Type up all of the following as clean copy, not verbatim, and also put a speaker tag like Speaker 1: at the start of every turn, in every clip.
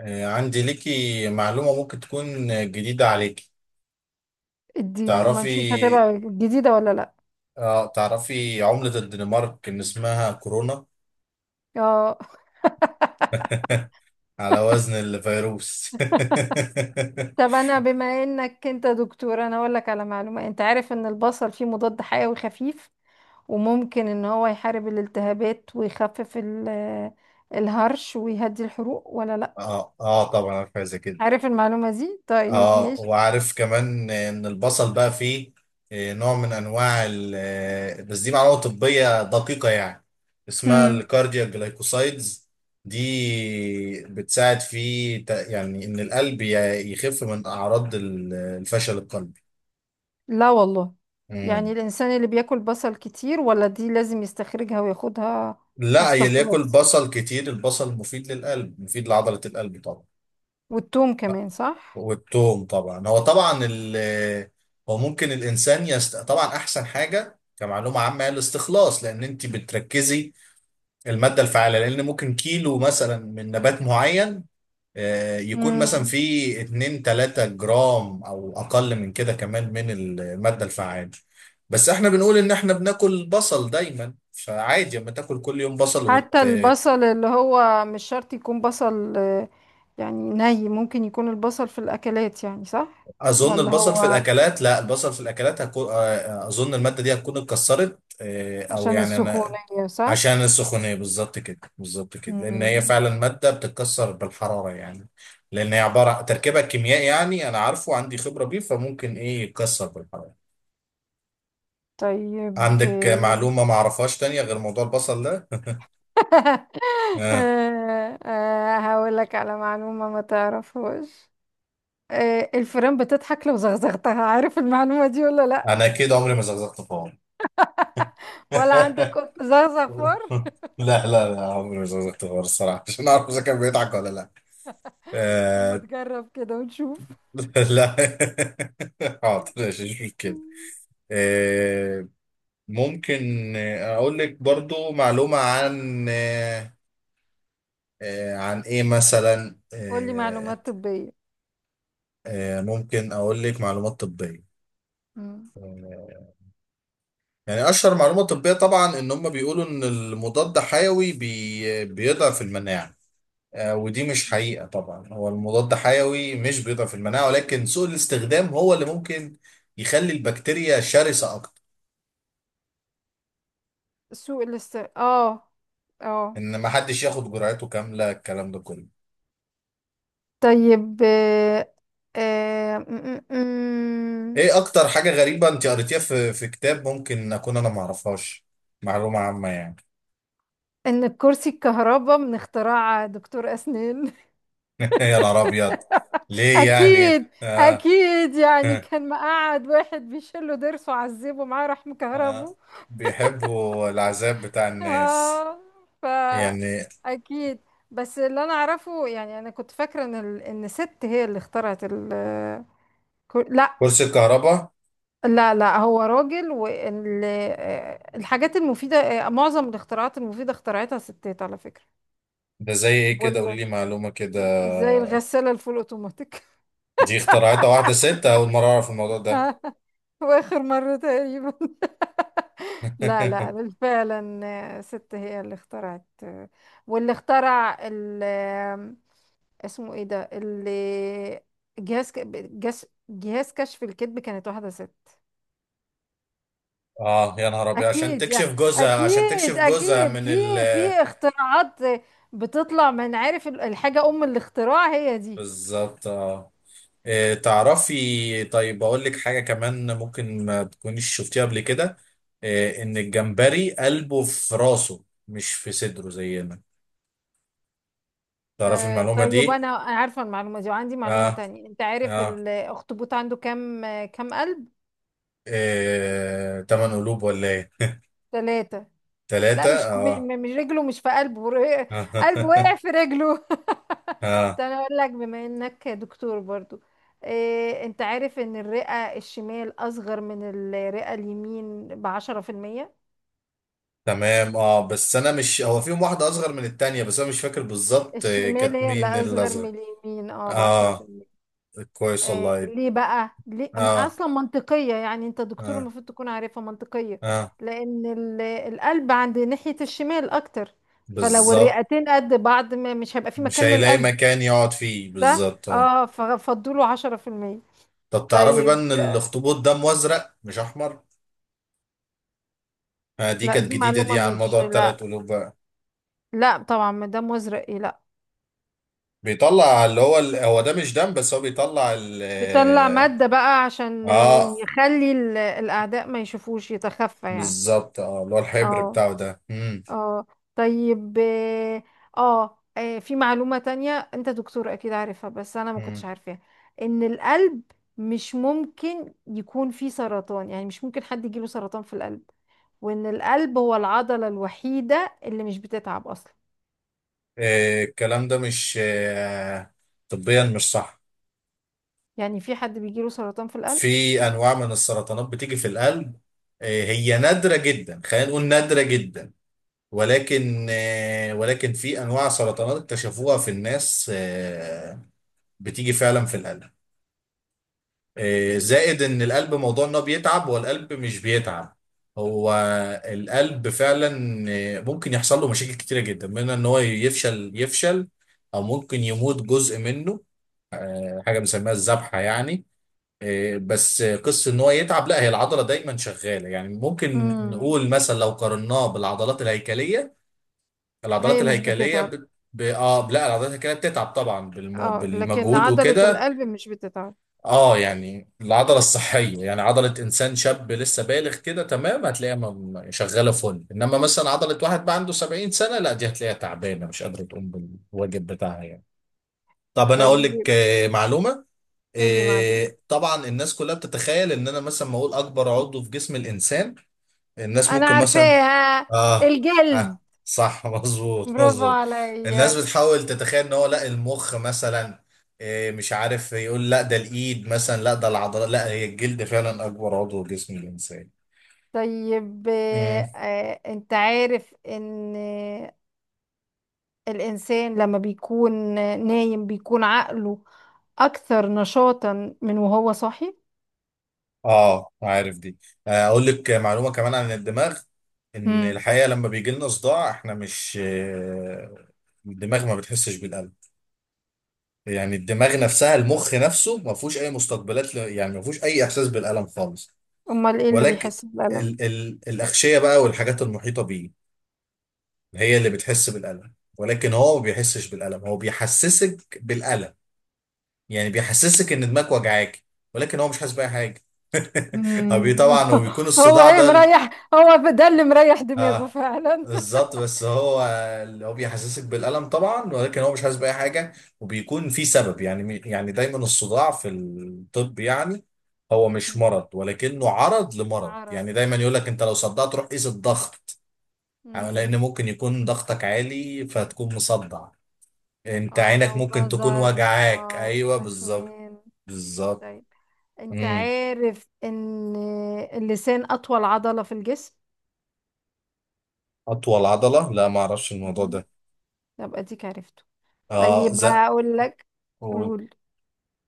Speaker 1: عندي ليكي معلومة ممكن تكون جديدة عليكي.
Speaker 2: اديني وما نشوف
Speaker 1: تعرفي
Speaker 2: هتبقى جديدة ولا لا.
Speaker 1: اه تعرفي عملة الدنمارك ان اسمها كورونا
Speaker 2: اه،
Speaker 1: على وزن الفيروس
Speaker 2: طب انا بما انك انت دكتور انا اقول لك على معلومة. انت عارف ان البصل فيه مضاد حيوي خفيف وممكن ان هو يحارب الالتهابات ويخفف الهرش ويهدي الحروق ولا لا؟
Speaker 1: اه، اه، طبعا عارفة زي كده.
Speaker 2: عارف المعلومة دي؟ طيب
Speaker 1: اه
Speaker 2: ماشي.
Speaker 1: وعارف كمان ان البصل بقى فيه نوع من انواع بس دي معلومه طبيه دقيقه يعني اسمها
Speaker 2: مم.
Speaker 1: الكاردياك جلايكوسايدز. دي بتساعد في يعني ان القلب يخف من اعراض الفشل القلبي.
Speaker 2: لا والله. يعني
Speaker 1: مم.
Speaker 2: الانسان اللي بياكل بصل كتير ولا دي لازم يستخرجها وياخدها
Speaker 1: لا يلي ياكل
Speaker 2: مستخلص؟
Speaker 1: بصل كتير البصل مفيد للقلب، مفيد لعضله القلب طبعا.
Speaker 2: والثوم كمان صح؟
Speaker 1: والتوم طبعا، هو طبعا ال، هو ممكن الانسان طبعا احسن حاجه كمعلومه عامه هي الاستخلاص لان انت بتركزي الماده الفعاله، لان ممكن كيلو مثلا من نبات معين يكون مثلا
Speaker 2: مم.
Speaker 1: فيه 2 3 جرام او اقل من كده كمان من الماده الفعاله. بس احنا بنقول ان احنا بناكل بصل دايما فعادي، اما تاكل كل يوم بصل
Speaker 2: حتى البصل اللي هو مش شرط يكون بصل يعني ممكن يكون البصل في الأكلات يعني صح؟
Speaker 1: اظن
Speaker 2: ولا
Speaker 1: البصل في
Speaker 2: هو
Speaker 1: الاكلات، لا البصل في الاكلات هكون اظن الماده دي هتكون اتكسرت، او
Speaker 2: عشان
Speaker 1: يعني انا
Speaker 2: السخونية صح؟
Speaker 1: عشان السخونيه، بالظبط كده بالظبط كده لان هي
Speaker 2: مم.
Speaker 1: فعلا ماده بتتكسر بالحراره يعني. لان هي عباره تركيبها الكيميائي، يعني انا عارفه عندي خبره بيه فممكن ايه يتكسر بالحراره.
Speaker 2: طيب.
Speaker 1: عندك معلومه ما اعرفهاش تانية غير موضوع البصل ده؟ آه،
Speaker 2: هقول لك على معلومة ما تعرفهاش. الفيران بتضحك لو زغزغتها. عارف المعلومة دي ولا لا؟
Speaker 1: انا كده عمري ما زغزغت خالص.
Speaker 2: ولا عندك قط زغزغ فار؟
Speaker 1: لا، لا، لا عمري ما زغزغت خالص الصراحه عشان اعرف اذا كان بيضحك ولا لا.
Speaker 2: طب ما
Speaker 1: آه،
Speaker 2: تجرب كده ونشوف.
Speaker 1: لا، حاضر مفيش مشكلة. آه، ممكن أقول لك برضو معلومة عن عن إيه مثلا؟
Speaker 2: قولي معلومات طبية.
Speaker 1: ممكن أقول لك معلومات طبية.
Speaker 2: مم.
Speaker 1: آه، يعني أشهر معلومة طبية طبعا إن هم بيقولوا إن المضاد حيوي بيضعف المناعة. ودي مش حقيقة، طبعا هو المضاد حيوي مش بيضعف المناعة ولكن سوء الاستخدام هو اللي ممكن يخلي البكتيريا شرسة أكتر.
Speaker 2: سوق الاست اه اه
Speaker 1: ان ما حدش ياخد جرعته كامله الكلام ده كله.
Speaker 2: طيب آه آه م- م- م.
Speaker 1: ايه اكتر حاجه غريبه انت قريتيها في كتاب ممكن اكون انا ما اعرفهاش؟ معلومه عامه يعني.
Speaker 2: ان كرسي الكهرباء من اختراع دكتور اسنان.
Speaker 1: يا نهار ابيض، ليه يعني
Speaker 2: اكيد. اكيد، يعني كان مقعد واحد بيشيله ضرسه وعذبه معاه راح
Speaker 1: آه.
Speaker 2: مكهربه.
Speaker 1: بيحبوا العذاب بتاع الناس
Speaker 2: اه. ف
Speaker 1: يعني.
Speaker 2: اكيد. بس اللي انا اعرفه، يعني انا كنت فاكره ان ان ست هي اللي اخترعت لا.
Speaker 1: كرسي الكهرباء،
Speaker 2: لا لا، هو راجل. والحاجات المفيدة معظم الاختراعات المفيدة اخترعتها ستات على فكرة.
Speaker 1: ده زي ايه كده، قولي
Speaker 2: وال...
Speaker 1: لي معلومه كده.
Speaker 2: زي الغسالة الفول اوتوماتيك.
Speaker 1: دي اخترعتها واحده ست، اول مره اعرف الموضوع ده.
Speaker 2: واخر مرة تقريبا. لا لا فعلا. ست هي اللي اخترعت واللي اخترع ال... آه، اسمه ايه ده اللي جهاز ك- جهاز كشف الكذب كانت واحدة ست.
Speaker 1: اه يا نهار ابيض، عشان
Speaker 2: اكيد يعني.
Speaker 1: تكشف جوزها، عشان
Speaker 2: اكيد
Speaker 1: تكشف جوزها
Speaker 2: اكيد.
Speaker 1: من
Speaker 2: في
Speaker 1: ال.
Speaker 2: في اختراعات بتطلع من عارف الحاجه ام الاختراع هي دي.
Speaker 1: بالظبط اه. تعرفي، طيب اقول لك حاجه كمان ممكن ما تكونيش شفتيها قبل كده. ان الجمبري قلبه في راسه مش في صدره زينا. تعرفي
Speaker 2: آه
Speaker 1: المعلومه
Speaker 2: طيب
Speaker 1: دي؟
Speaker 2: انا عارفه المعلومه دي. وعندي معلومه
Speaker 1: اه،
Speaker 2: تانية. انت عارف
Speaker 1: اه،
Speaker 2: الاخطبوط عنده كام كام قلب؟
Speaker 1: تمن قلوب ولا ايه؟
Speaker 2: ثلاثه.
Speaker 1: ثلاثه
Speaker 2: لا مش كوب-
Speaker 1: اه.
Speaker 2: م- مش رجله، مش في قلبه قلبه وقع في رجله.
Speaker 1: اه
Speaker 2: ده انا اقول لك بما انك دكتور برضو. انت عارف ان الرئه الشمال اصغر من الرئه اليمين ب10%؟
Speaker 1: تمام، اه، بس انا مش هو فيهم واحده اصغر من التانية بس انا مش فاكر بالظبط،
Speaker 2: الشمال
Speaker 1: كانت
Speaker 2: هي اللي
Speaker 1: مين
Speaker 2: اصغر من
Speaker 1: الاصغر.
Speaker 2: اليمين، اه، بعشرة في
Speaker 1: اه
Speaker 2: المية
Speaker 1: كويس
Speaker 2: آه
Speaker 1: والله.
Speaker 2: ليه بقى؟ ليه
Speaker 1: اه،
Speaker 2: اصلا منطقية، يعني انت دكتور
Speaker 1: اه،
Speaker 2: المفروض تكون عارفها منطقية.
Speaker 1: اه
Speaker 2: لان القلب عند ناحية الشمال اكتر، فلو
Speaker 1: بالظبط،
Speaker 2: الرئتين قد بعض ما مش هيبقى في
Speaker 1: مش
Speaker 2: مكان
Speaker 1: هيلاقي
Speaker 2: للقلب.
Speaker 1: مكان يقعد فيه
Speaker 2: ده
Speaker 1: بالظبط
Speaker 2: اه ففضلوا 10%.
Speaker 1: طب تعرفي بقى
Speaker 2: طيب.
Speaker 1: ان الاخطبوط دمه ازرق مش احمر؟ آه دي
Speaker 2: لا
Speaker 1: كانت
Speaker 2: دي
Speaker 1: جديده
Speaker 2: معلومة
Speaker 1: دي عن
Speaker 2: مش،
Speaker 1: موضوع
Speaker 2: لا.
Speaker 1: الثلاث قلوب بقى.
Speaker 2: لا طبعا، ما ده مزرق ايه؟ لا.
Speaker 1: بيطلع اللي هو ال، هو ده مش دم بس هو بيطلع ال
Speaker 2: بيطلع مادة بقى
Speaker 1: اه.
Speaker 2: عشان
Speaker 1: آه،
Speaker 2: يخلي الأعداء ما يشوفوش، يتخفى يعني.
Speaker 1: بالظبط اه، اللي هو الحبر
Speaker 2: اه.
Speaker 1: بتاعه ده. مم.
Speaker 2: اه طيب. اه. في معلومة تانية انت دكتور اكيد عارفها بس انا ما كنتش
Speaker 1: مم.
Speaker 2: عارفاها. ان القلب مش ممكن يكون فيه سرطان، يعني مش ممكن حد يجيله سرطان في القلب. وان القلب هو العضلة الوحيدة اللي مش بتتعب اصلا.
Speaker 1: الكلام ده مش طبيا مش صح.
Speaker 2: يعني في حد بيجيله سرطان في القلب؟
Speaker 1: في انواع من السرطانات بتيجي في القلب. آه هي نادره جدا، خلينا نقول نادره جدا، ولكن ولكن في انواع سرطانات اكتشفوها في الناس بتيجي فعلا في القلب. زائد ان القلب موضوع ان هو بيتعب والقلب مش بيتعب. هو القلب فعلا ممكن يحصل له مشاكل كتيره جدا، منها ان هو يفشل، يفشل او ممكن يموت جزء منه. حاجه بنسميها الذبحه يعني. آه، بس آه، قصه ان هو يتعب لا، هي العضله دايما شغاله يعني، ممكن
Speaker 2: امم.
Speaker 1: نقول مثلا لو قارناه بالعضلات الهيكليه. العضلات
Speaker 2: هي مش
Speaker 1: الهيكليه
Speaker 2: بتتعب.
Speaker 1: اه لا العضلات الهيكليه بتتعب طبعا
Speaker 2: اه، لكن
Speaker 1: بالمجهود
Speaker 2: عضلة
Speaker 1: وكده.
Speaker 2: القلب مش بتتعب.
Speaker 1: اه يعني العضله الصحيه يعني عضله انسان شاب لسه بالغ كده تمام هتلاقيها شغاله فل، انما مثلا عضله واحد بقى عنده 70 سنه لا دي هتلاقيها تعبانه مش قادره تقوم بالواجب بتاعها يعني. طب انا اقول
Speaker 2: طيب.
Speaker 1: لك معلومه.
Speaker 2: قول لي معلومة.
Speaker 1: طبعا الناس كلها بتتخيل ان انا مثلا ما اقول اكبر عضو في جسم الانسان. الناس
Speaker 2: انا
Speaker 1: ممكن مثلا
Speaker 2: عارفاها.
Speaker 1: اه،
Speaker 2: الجلد.
Speaker 1: ها، صح مظبوط
Speaker 2: برافو
Speaker 1: مظبوط. الناس
Speaker 2: عليا.
Speaker 1: بتحاول تتخيل ان هو، لا المخ مثلا، مش عارف يقول لا ده الايد مثلا، لا ده العضلات، لا هي الجلد فعلا اكبر عضو في جسم الانسان.
Speaker 2: طيب
Speaker 1: مم.
Speaker 2: انت عارف ان الانسان لما بيكون نايم بيكون عقله اكثر نشاطا من وهو صاحي؟
Speaker 1: اه عارف دي. اقول لك معلومه كمان عن الدماغ، ان
Speaker 2: امم.
Speaker 1: الحقيقه لما بيجي لنا صداع احنا مش الدماغ ما بتحسش بالالم. يعني الدماغ نفسها المخ نفسه ما فيهوش اي مستقبلات، يعني ما فيهوش اي احساس بالالم خالص.
Speaker 2: امال ايه اللي
Speaker 1: ولكن
Speaker 2: بيحس بالألم؟
Speaker 1: ال ال الأغشية بقى والحاجات المحيطة بيه هي اللي بتحس بالألم، ولكن هو ما بيحسش بالألم، هو بيحسسك بالألم. يعني بيحسسك إن دماغك وجعاك ولكن هو مش حاسس بأي حاجة.
Speaker 2: مم.
Speaker 1: طبعا هو بيكون
Speaker 2: هو
Speaker 1: الصداع
Speaker 2: ايه
Speaker 1: ده ال.
Speaker 2: مريح، هو ده اللي مريح دماغه
Speaker 1: اه
Speaker 2: فعلا.
Speaker 1: بالظبط، بس هو اللي هو بيحسسك بالألم طبعا ولكن هو مش حاسس بأي حاجة. وبيكون في سبب يعني، يعني دايما الصداع في الطب يعني هو مش
Speaker 2: مم.
Speaker 1: مرض ولكنه عرض لمرض. يعني
Speaker 2: عرض.
Speaker 1: دايما يقول لك انت لو صدعت روح قيس الضغط لان
Speaker 2: مم.
Speaker 1: ممكن يكون ضغطك عالي فتكون مصدع. انت
Speaker 2: اه
Speaker 1: عينك
Speaker 2: او
Speaker 1: ممكن تكون
Speaker 2: نظر.
Speaker 1: وجعاك،
Speaker 2: اه
Speaker 1: ايوه بالظبط.
Speaker 2: اسنان.
Speaker 1: بالظبط.
Speaker 2: طيب. انت
Speaker 1: امم.
Speaker 2: عارف ان اللسان اطول عضلة في الجسم؟
Speaker 1: اطول عضله؟ لا ما اعرفش الموضوع ده.
Speaker 2: يبقى ديك عرفته.
Speaker 1: اه
Speaker 2: طيب
Speaker 1: زق.
Speaker 2: هقول لك.
Speaker 1: قول.
Speaker 2: قول.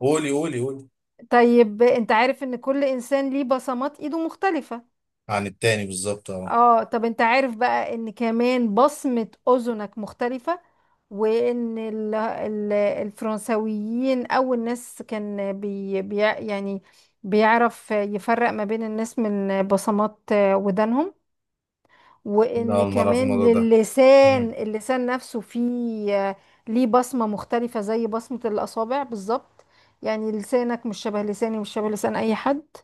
Speaker 1: قولي قولي قولي.
Speaker 2: طيب انت عارف ان كل انسان ليه بصمات ايده مختلفة؟
Speaker 1: عن التاني بالظبط اه.
Speaker 2: اه. طب انت عارف بقى ان كمان بصمة اذنك مختلفة؟ وان الفرنساويين اول ناس كان يعني بيعرف يفرق ما بين الناس من بصمات ودانهم.
Speaker 1: لا
Speaker 2: وان
Speaker 1: اول مره في
Speaker 2: كمان
Speaker 1: الموضوع ده.
Speaker 2: للسان،
Speaker 1: امم.
Speaker 2: اللسان نفسه فيه ليه بصمة مختلفة زي بصمة الأصابع بالظبط. يعني لسانك مش شبه لساني، مش شبه لسان أي حد.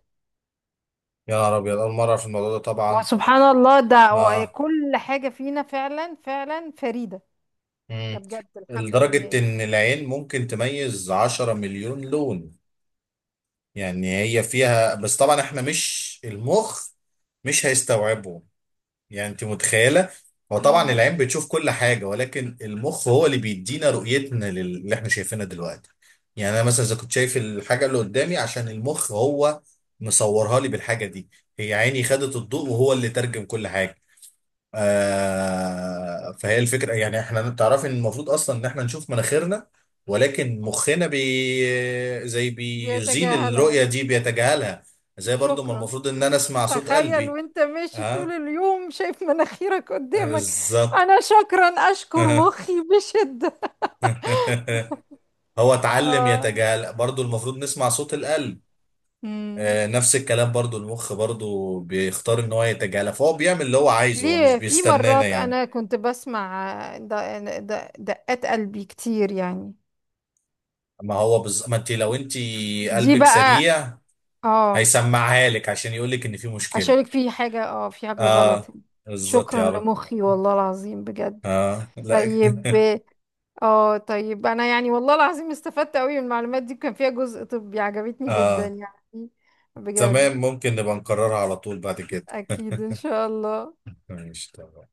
Speaker 1: يا نهار ابيض، اول مره في الموضوع ده طبعا.
Speaker 2: وسبحان الله، ده
Speaker 1: اه.
Speaker 2: كل حاجة فينا فعلا فعلا فريدة. ده
Speaker 1: امم.
Speaker 2: بجد الحمد لله
Speaker 1: لدرجه
Speaker 2: يعني.
Speaker 1: ان العين ممكن تميز 10 مليون لون، يعني هي فيها بس، طبعا احنا مش، المخ مش هيستوعبه، يعني انت متخيله. هو طبعا
Speaker 2: امم.
Speaker 1: العين بتشوف كل حاجه ولكن المخ هو اللي بيدينا رؤيتنا اللي احنا شايفينها دلوقتي. يعني انا مثلا اذا كنت شايف الحاجه اللي قدامي عشان المخ هو مصورها لي بالحاجه دي، هي عيني خدت الضوء وهو اللي ترجم كل حاجه. آه فهي الفكره يعني احنا، تعرفي ان المفروض اصلا ان احنا نشوف مناخيرنا، ولكن مخنا زي بيزيل
Speaker 2: بيتجاهلها.
Speaker 1: الرؤيه دي بيتجاهلها. زي برضو ما
Speaker 2: شكرا.
Speaker 1: المفروض ان انا اسمع صوت
Speaker 2: تخيل
Speaker 1: قلبي.
Speaker 2: وانت ماشي طول
Speaker 1: اه
Speaker 2: اليوم شايف مناخيرك قدامك.
Speaker 1: بالظبط.
Speaker 2: انا شكرا، اشكر مخي بشدة.
Speaker 1: هو اتعلم
Speaker 2: اه.
Speaker 1: يتجاهل، برضو المفروض نسمع صوت القلب.
Speaker 2: امم.
Speaker 1: نفس الكلام، برضو المخ برضو بيختار ان هو يتجاهل، فهو بيعمل اللي هو عايزه هو مش
Speaker 2: ليه في
Speaker 1: بيستنانا
Speaker 2: مرات
Speaker 1: يعني.
Speaker 2: انا كنت بسمع دقات قلبي كتير يعني.
Speaker 1: ما هو بز... ما انت لو انت
Speaker 2: دي
Speaker 1: قلبك
Speaker 2: بقى.
Speaker 1: سريع
Speaker 2: اه،
Speaker 1: هيسمعها لك عشان يقول لك ان في مشكلة.
Speaker 2: اشارك في حاجة، اه في حاجة غلط.
Speaker 1: اه بالظبط
Speaker 2: شكرا
Speaker 1: يا رب.
Speaker 2: لمخي والله العظيم بجد.
Speaker 1: اه لا
Speaker 2: طيب. اه، طيب انا يعني والله العظيم استفدت قوي من المعلومات دي، كان فيها جزء طبي عجبتني جدا
Speaker 1: اه
Speaker 2: يعني. بجد.
Speaker 1: تمام، ممكن نبقى نكررها على طول بعد كده.
Speaker 2: اكيد ان شاء الله.
Speaker 1: ماشي تمام.